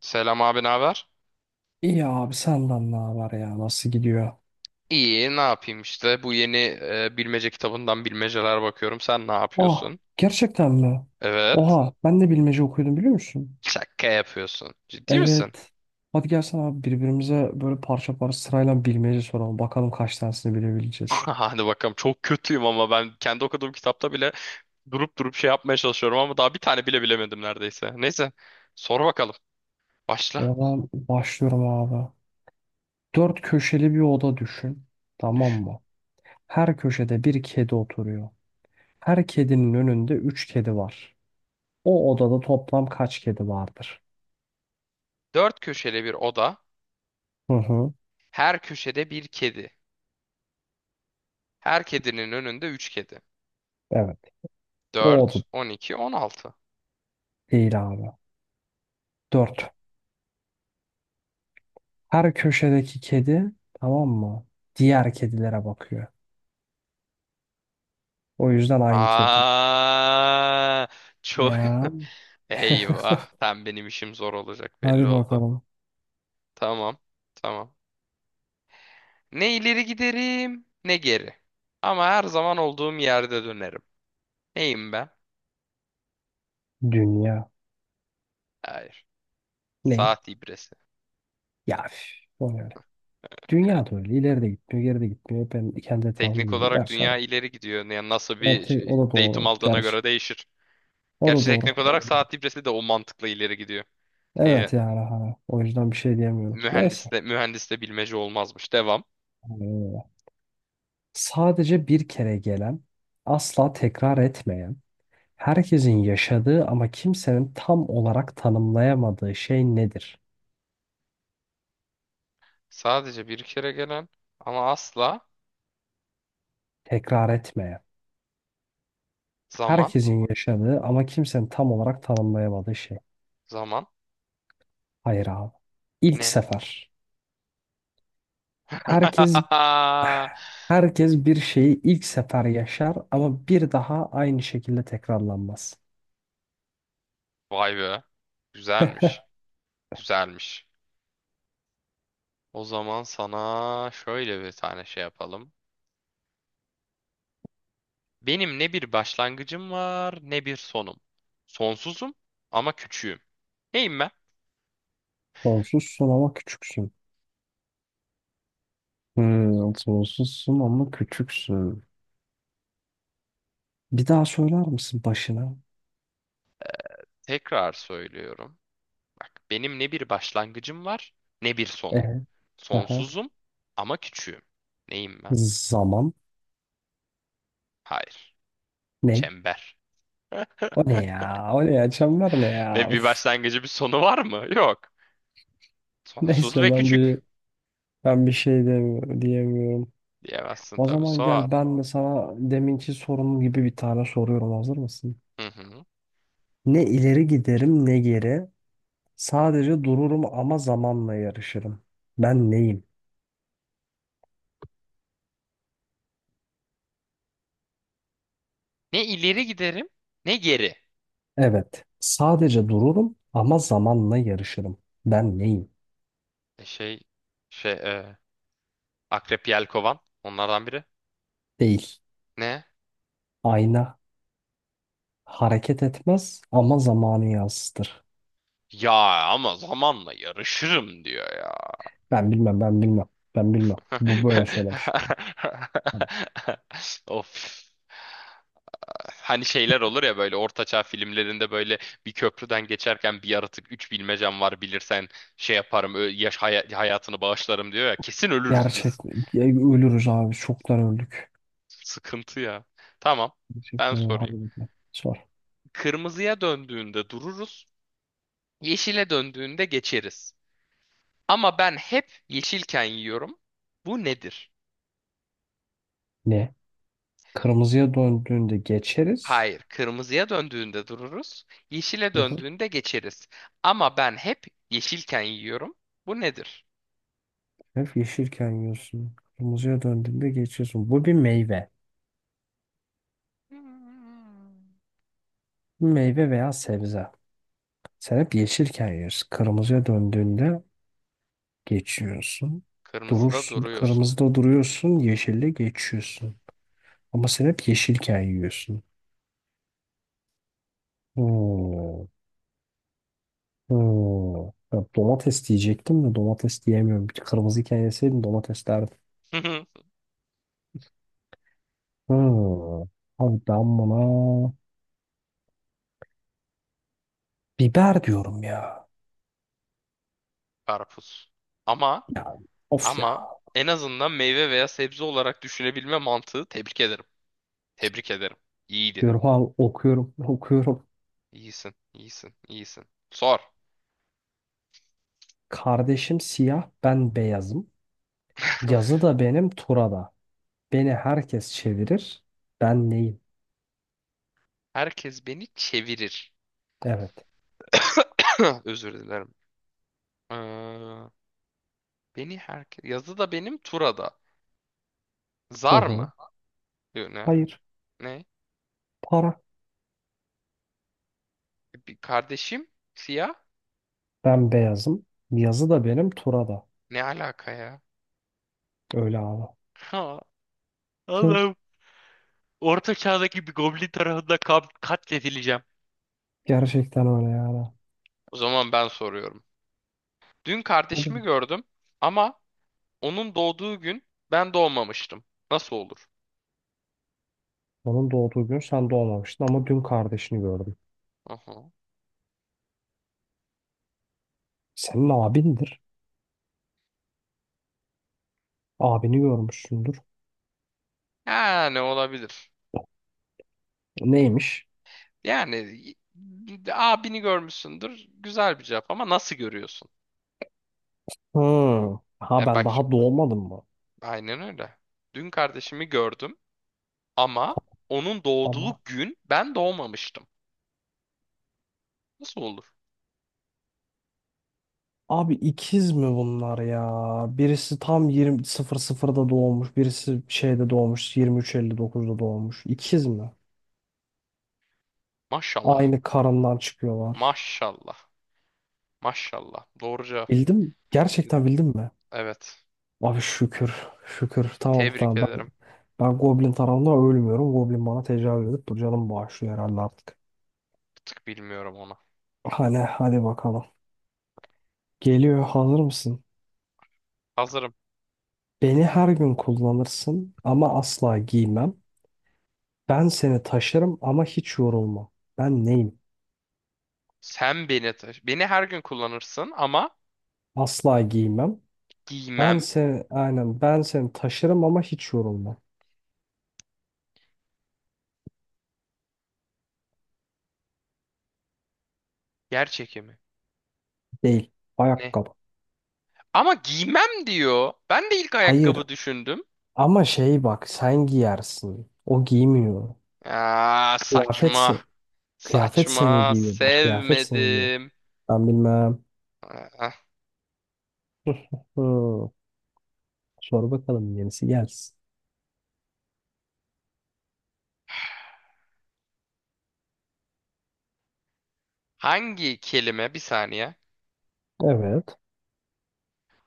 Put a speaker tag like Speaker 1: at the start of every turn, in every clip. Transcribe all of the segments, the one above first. Speaker 1: Selam abi, ne haber?
Speaker 2: İyi abi senden ne haber ya? Nasıl gidiyor?
Speaker 1: İyi, ne yapayım işte. Bu yeni bilmece kitabından bilmeceler bakıyorum. Sen ne
Speaker 2: Ah,
Speaker 1: yapıyorsun?
Speaker 2: gerçekten mi?
Speaker 1: Evet.
Speaker 2: Oha, ben de bilmece okuyordum, biliyor musun?
Speaker 1: Şaka yapıyorsun. Ciddi misin?
Speaker 2: Evet. Hadi gelsen abi, birbirimize böyle parça parça sırayla bilmece soralım. Bakalım kaç tanesini bilebileceğiz.
Speaker 1: Hadi bakalım. Çok kötüyüm ama ben kendi okuduğum kitapta bile durup şey yapmaya çalışıyorum ama daha bir tane bile bilemedim neredeyse. Neyse, sor bakalım. Başla.
Speaker 2: Oradan başlıyorum abi. Dört köşeli bir oda düşün. Tamam
Speaker 1: Düş.
Speaker 2: mı? Her köşede bir kedi oturuyor. Her kedinin önünde üç kedi var. O odada toplam kaç kedi vardır?
Speaker 1: Dört köşeli bir oda.
Speaker 2: Hı hı.
Speaker 1: Her köşede bir kedi. Her kedinin önünde üç kedi.
Speaker 2: Evet. O oda
Speaker 1: Dört, 12, 16.
Speaker 2: değil abi.
Speaker 1: Ta-
Speaker 2: Dört. Her köşedeki kedi, tamam mı? Diğer kedilere bakıyor. O yüzden aynı kedi.
Speaker 1: Aa, çok
Speaker 2: Ya,
Speaker 1: eyvah. Tam benim işim zor olacak belli
Speaker 2: hadi
Speaker 1: oldu.
Speaker 2: bakalım.
Speaker 1: Tamam. Tamam. Ne ileri giderim ne geri. Ama her zaman olduğum yerde dönerim. Neyim ben?
Speaker 2: Dünya.
Speaker 1: Hayır.
Speaker 2: Ney?
Speaker 1: Saat ibresi.
Speaker 2: Ya üf, o ne öyle. Dünya da öyle. İleri de gitmiyor, geri de gitmiyor. Ben kendi etrafımda
Speaker 1: Teknik
Speaker 2: böyle.
Speaker 1: olarak
Speaker 2: Gerçi
Speaker 1: dünya
Speaker 2: ama.
Speaker 1: ileri gidiyor. Yani
Speaker 2: Evet, o da
Speaker 1: datum
Speaker 2: doğru.
Speaker 1: aldığına
Speaker 2: Gerçi.
Speaker 1: göre değişir.
Speaker 2: O
Speaker 1: Gerçi
Speaker 2: da doğru.
Speaker 1: teknik olarak saat ibresi de o mantıkla ileri gidiyor. Ee,
Speaker 2: Evet yani. Hani. O yüzden bir şey diyemiyorum.
Speaker 1: mühendis
Speaker 2: Neyse.
Speaker 1: de, mühendis de bilmece olmazmış. Devam.
Speaker 2: Aynen. Sadece bir kere gelen, asla tekrar etmeyen, herkesin yaşadığı ama kimsenin tam olarak tanımlayamadığı şey nedir?
Speaker 1: Sadece bir kere gelen ama asla
Speaker 2: Tekrar etmeye.
Speaker 1: zaman
Speaker 2: Herkesin yaşadığı ama kimsenin tam olarak tanımlayamadığı şey.
Speaker 1: zaman
Speaker 2: Hayır abi. İlk
Speaker 1: ne?
Speaker 2: sefer. Herkes herkes bir şeyi ilk sefer yaşar ama bir daha aynı şekilde tekrarlanmaz.
Speaker 1: Vay be. Güzelmiş. Güzelmiş. O zaman sana şöyle bir tane şey yapalım. Benim ne bir başlangıcım var ne bir sonum. Sonsuzum ama küçüğüm. Neyim ben?
Speaker 2: Sonsuzsun ama küçüksün. Sonsuzsun ama küçüksün. Bir daha söyler misin başına?
Speaker 1: Tekrar söylüyorum. Bak benim ne bir başlangıcım var ne bir sonum.
Speaker 2: Ee, Aha.
Speaker 1: Sonsuzum ama küçüğüm. Neyim ben?
Speaker 2: Zaman.
Speaker 1: Hayır.
Speaker 2: Ne?
Speaker 1: Çember.
Speaker 2: O ne ya? O ne ya? Çember ne ya?
Speaker 1: Ne bir
Speaker 2: Üf.
Speaker 1: başlangıcı bir sonu var mı? Yok. Sonsuz ve
Speaker 2: Neyse, ben bir
Speaker 1: küçük.
Speaker 2: ben bir şey demiyorum, diyemiyorum.
Speaker 1: Diyemezsin
Speaker 2: O
Speaker 1: tabii,
Speaker 2: zaman
Speaker 1: sor.
Speaker 2: gel, ben de sana deminki sorunum gibi bir tane soruyorum. Hazır mısın?
Speaker 1: Hı hı.
Speaker 2: Ne ileri giderim ne geri. Sadece dururum ama zamanla yarışırım. Ben neyim?
Speaker 1: Ne ileri giderim ne geri.
Speaker 2: Evet. Sadece dururum ama zamanla yarışırım. Ben neyim?
Speaker 1: E şey şey e, Akrep, Yelkovan onlardan biri.
Speaker 2: Değil.
Speaker 1: Ne?
Speaker 2: Ayna hareket etmez ama zamanı yansıtır.
Speaker 1: Ya ama zamanla yarışırım diyor ya.
Speaker 2: Ben bilmem, ben bilmem. Ben bilmem. Bu böyle söylemiş.
Speaker 1: Of. Hani şeyler olur ya böyle ortaçağ filmlerinde böyle bir köprüden geçerken bir yaratık üç bilmecem var, bilirsen şey yaparım hayatını bağışlarım diyor ya, kesin ölürüz
Speaker 2: Gerçek.
Speaker 1: biz.
Speaker 2: Ya ölürüz abi. Çoktan öldük.
Speaker 1: Sıkıntı ya. Tamam, ben
Speaker 2: Gerçekten öyle. Hadi
Speaker 1: sorayım.
Speaker 2: bakalım. Sor.
Speaker 1: Kırmızıya döndüğünde dururuz. Yeşile döndüğünde geçeriz. Ama ben hep yeşilken yiyorum. Bu nedir?
Speaker 2: Ne? Kırmızıya döndüğünde geçeriz.
Speaker 1: Hayır, kırmızıya döndüğünde dururuz. Yeşile
Speaker 2: Hı hı.
Speaker 1: döndüğünde geçeriz. Ama ben hep yeşilken yiyorum. Bu nedir?
Speaker 2: Hep yeşilken yiyorsun. Kırmızıya döndüğünde geçiyorsun. Bu bir meyve.
Speaker 1: Hmm.
Speaker 2: Bir meyve veya sebze. Sen hep yeşilken yiyorsun. Kırmızıya döndüğünde geçiyorsun.
Speaker 1: Kırmızıda
Speaker 2: Durursun.
Speaker 1: duruyorsun.
Speaker 2: Kırmızıda duruyorsun. Yeşille geçiyorsun. Ama sen hep yeşilken yiyorsun. Hmm. Hmm. Ya domates diyecektim de domates diyemiyorum. Bir kırmızı iken yeseydim domates derdim. Hmm. Abi ben buna biber diyorum ya.
Speaker 1: Karpuz. Ama
Speaker 2: Ya of ya.
Speaker 1: ama en azından meyve veya sebze olarak düşünebilme mantığı, tebrik ederim. Tebrik ederim. İyiydi.
Speaker 2: Diyorum abi, okuyorum okuyorum.
Speaker 1: İyisin, iyisin, iyisin. Sor.
Speaker 2: Kardeşim siyah, ben beyazım. Yazı da benim, tura da. Beni herkes çevirir. Ben neyim?
Speaker 1: Herkes beni çevirir.
Speaker 2: Evet.
Speaker 1: Özür dilerim. Ee, beni herkes... Yazı da benim, Tura da.
Speaker 2: Hı
Speaker 1: Zar
Speaker 2: hı.
Speaker 1: mı? Yok, ne alaka?
Speaker 2: Hayır.
Speaker 1: Ne?
Speaker 2: Para.
Speaker 1: Bir kardeşim? Siyah?
Speaker 2: Ben beyazım. Yazı da benim, tura da.
Speaker 1: Ne alaka ya?
Speaker 2: Öyle abi.
Speaker 1: Ha,
Speaker 2: Hı.
Speaker 1: Allah'ım. Orta çağdaki bir goblin tarafından katledileceğim.
Speaker 2: Gerçekten öyle yani.
Speaker 1: O zaman ben soruyorum. Dün kardeşimi gördüm ama onun doğduğu gün ben doğmamıştım. Nasıl olur?
Speaker 2: Onun doğduğu gün sen doğmamıştın ama dün kardeşini gördüm.
Speaker 1: Aha.
Speaker 2: Senin abindir. Abini görmüşsündür.
Speaker 1: Yani olabilir.
Speaker 2: Neymiş?
Speaker 1: Yani y- abini görmüşsündür. Güzel bir cevap ama nasıl görüyorsun?
Speaker 2: Hmm. Ha,
Speaker 1: Yani
Speaker 2: ben
Speaker 1: bak,
Speaker 2: daha doğmadım mı?
Speaker 1: aynen öyle. Dün kardeşimi gördüm ama onun
Speaker 2: Ama
Speaker 1: doğduğu gün ben doğmamıştım. Nasıl olur?
Speaker 2: abi, ikiz mi bunlar ya? Birisi tam 20:00'da doğmuş, birisi şeyde doğmuş, 23:59'da doğmuş. İkiz mi?
Speaker 1: Maşallah.
Speaker 2: Aynı karından çıkıyorlar.
Speaker 1: Maşallah. Maşallah. Doğru cevap.
Speaker 2: Bildim.
Speaker 1: Bildim.
Speaker 2: Gerçekten bildim mi?
Speaker 1: Evet.
Speaker 2: Abi şükür. Şükür. Tamam,
Speaker 1: Tebrik
Speaker 2: tamam. Ben
Speaker 1: ederim.
Speaker 2: ben Goblin tarafından ölmüyorum. Goblin bana tecavüz edip bu canımı bağışlıyor herhalde artık.
Speaker 1: Bir tık bilmiyorum ona.
Speaker 2: Hadi, hadi bakalım. Geliyor, hazır mısın?
Speaker 1: Hazırım.
Speaker 2: Beni her gün kullanırsın ama asla giymem. Ben seni taşırım ama hiç yorulmam. Ben neyim?
Speaker 1: Sen beni taş. Beni her gün kullanırsın ama
Speaker 2: Asla giymem. Ben
Speaker 1: giymem.
Speaker 2: seni, aynen ben seni taşırım ama hiç yorulmam.
Speaker 1: Yer çekimi.
Speaker 2: Değil.
Speaker 1: Ne?
Speaker 2: Ayakkabı.
Speaker 1: Ama giymem diyor. Ben de ilk
Speaker 2: Hayır.
Speaker 1: ayakkabı düşündüm.
Speaker 2: Ama şey bak, sen giyersin. O giymiyor.
Speaker 1: Aa,
Speaker 2: Kıyafet,
Speaker 1: saçma.
Speaker 2: kıyafet seni
Speaker 1: Saçma.
Speaker 2: giyiyor. Bak, kıyafet seni giyiyor.
Speaker 1: Sevmedim.
Speaker 2: Ben bilmem. Hı. Sor bakalım, yenisi gelsin.
Speaker 1: Hangi kelime, bir saniye.
Speaker 2: Evet.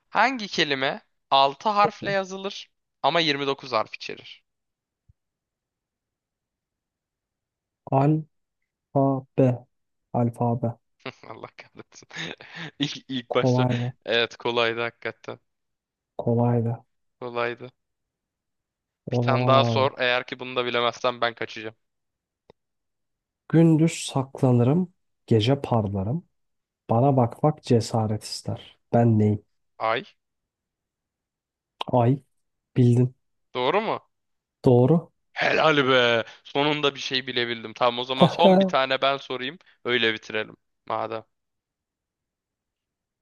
Speaker 1: Hangi kelime 6 harfle yazılır ama 29 harf içerir?
Speaker 2: Alfabe. Alfabe.
Speaker 1: Allah kahretsin. İlk başta.
Speaker 2: Kolay mı?
Speaker 1: Evet, kolaydı hakikaten.
Speaker 2: Kolaydı.
Speaker 1: Kolaydı. Bir
Speaker 2: O
Speaker 1: tane
Speaker 2: zaman
Speaker 1: daha
Speaker 2: abi.
Speaker 1: sor. Eğer ki bunu da bilemezsem ben kaçacağım.
Speaker 2: Gündüz saklanırım, gece parlarım. Bana bakmak cesaret ister. Ben neyim?
Speaker 1: Ay.
Speaker 2: Ay. Bildin.
Speaker 1: Doğru mu?
Speaker 2: Doğru.
Speaker 1: Helal be. Sonunda bir şey bilebildim. Tamam, o zaman son bir tane ben sorayım. Öyle bitirelim. Madem.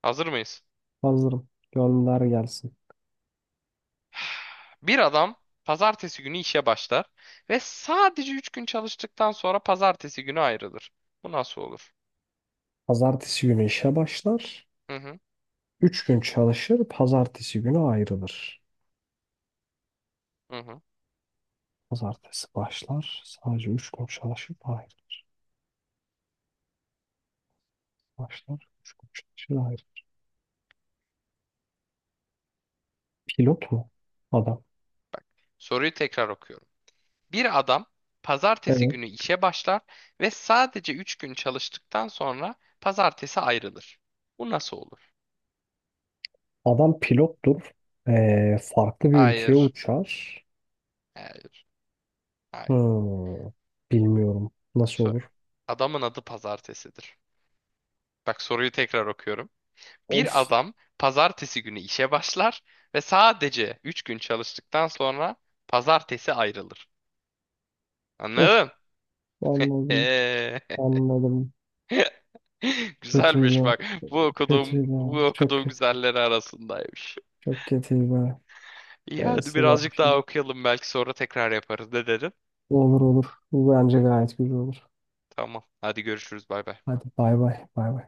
Speaker 1: Hazır mıyız?
Speaker 2: Hazırım. Gönder gelsin.
Speaker 1: Bir adam pazartesi günü işe başlar ve sadece 3 gün çalıştıktan sonra pazartesi günü ayrılır. Bu nasıl olur?
Speaker 2: Pazartesi günü işe başlar.
Speaker 1: Hı hı,
Speaker 2: Üç gün çalışır, pazartesi günü ayrılır.
Speaker 1: hı hı.
Speaker 2: Pazartesi başlar, sadece üç gün çalışıp ayrılır. Başlar, üç gün çalışır, ayrılır. Pilot mu? Adam.
Speaker 1: Soruyu tekrar okuyorum. Bir adam pazartesi
Speaker 2: Evet.
Speaker 1: günü işe başlar ve sadece 3 gün çalıştıktan sonra pazartesi ayrılır. Bu nasıl olur?
Speaker 2: Adam pilottur. Farklı bir ülkeye
Speaker 1: Hayır,
Speaker 2: uçar.
Speaker 1: hayır, hayır.
Speaker 2: Hmm, bilmiyorum. Nasıl
Speaker 1: Sor.
Speaker 2: olur?
Speaker 1: Adamın adı pazartesidir. Bak, soruyu tekrar okuyorum. Bir
Speaker 2: Of,
Speaker 1: adam pazartesi günü işe başlar ve sadece 3 gün çalıştıktan sonra pazartesi ayrılır.
Speaker 2: of,
Speaker 1: Anladın?
Speaker 2: anladım.
Speaker 1: Ee,
Speaker 2: Anladım.
Speaker 1: güzelmiş
Speaker 2: Kötüydü.
Speaker 1: bak. Bu okuduğum bu
Speaker 2: Kötüydü. Çok
Speaker 1: okuduğum
Speaker 2: kötü.
Speaker 1: güzelleri arasındaymış.
Speaker 2: Çok kötüydü.
Speaker 1: İyi, hadi
Speaker 2: Neyse ben
Speaker 1: birazcık daha
Speaker 2: şimdi.
Speaker 1: okuyalım, belki sonra tekrar yaparız. Ne dedin?
Speaker 2: Olur olur. Bu bence gayet güzel olur.
Speaker 1: Tamam. Hadi görüşürüz. Bay bay.
Speaker 2: Hadi bay bay. Bay bay.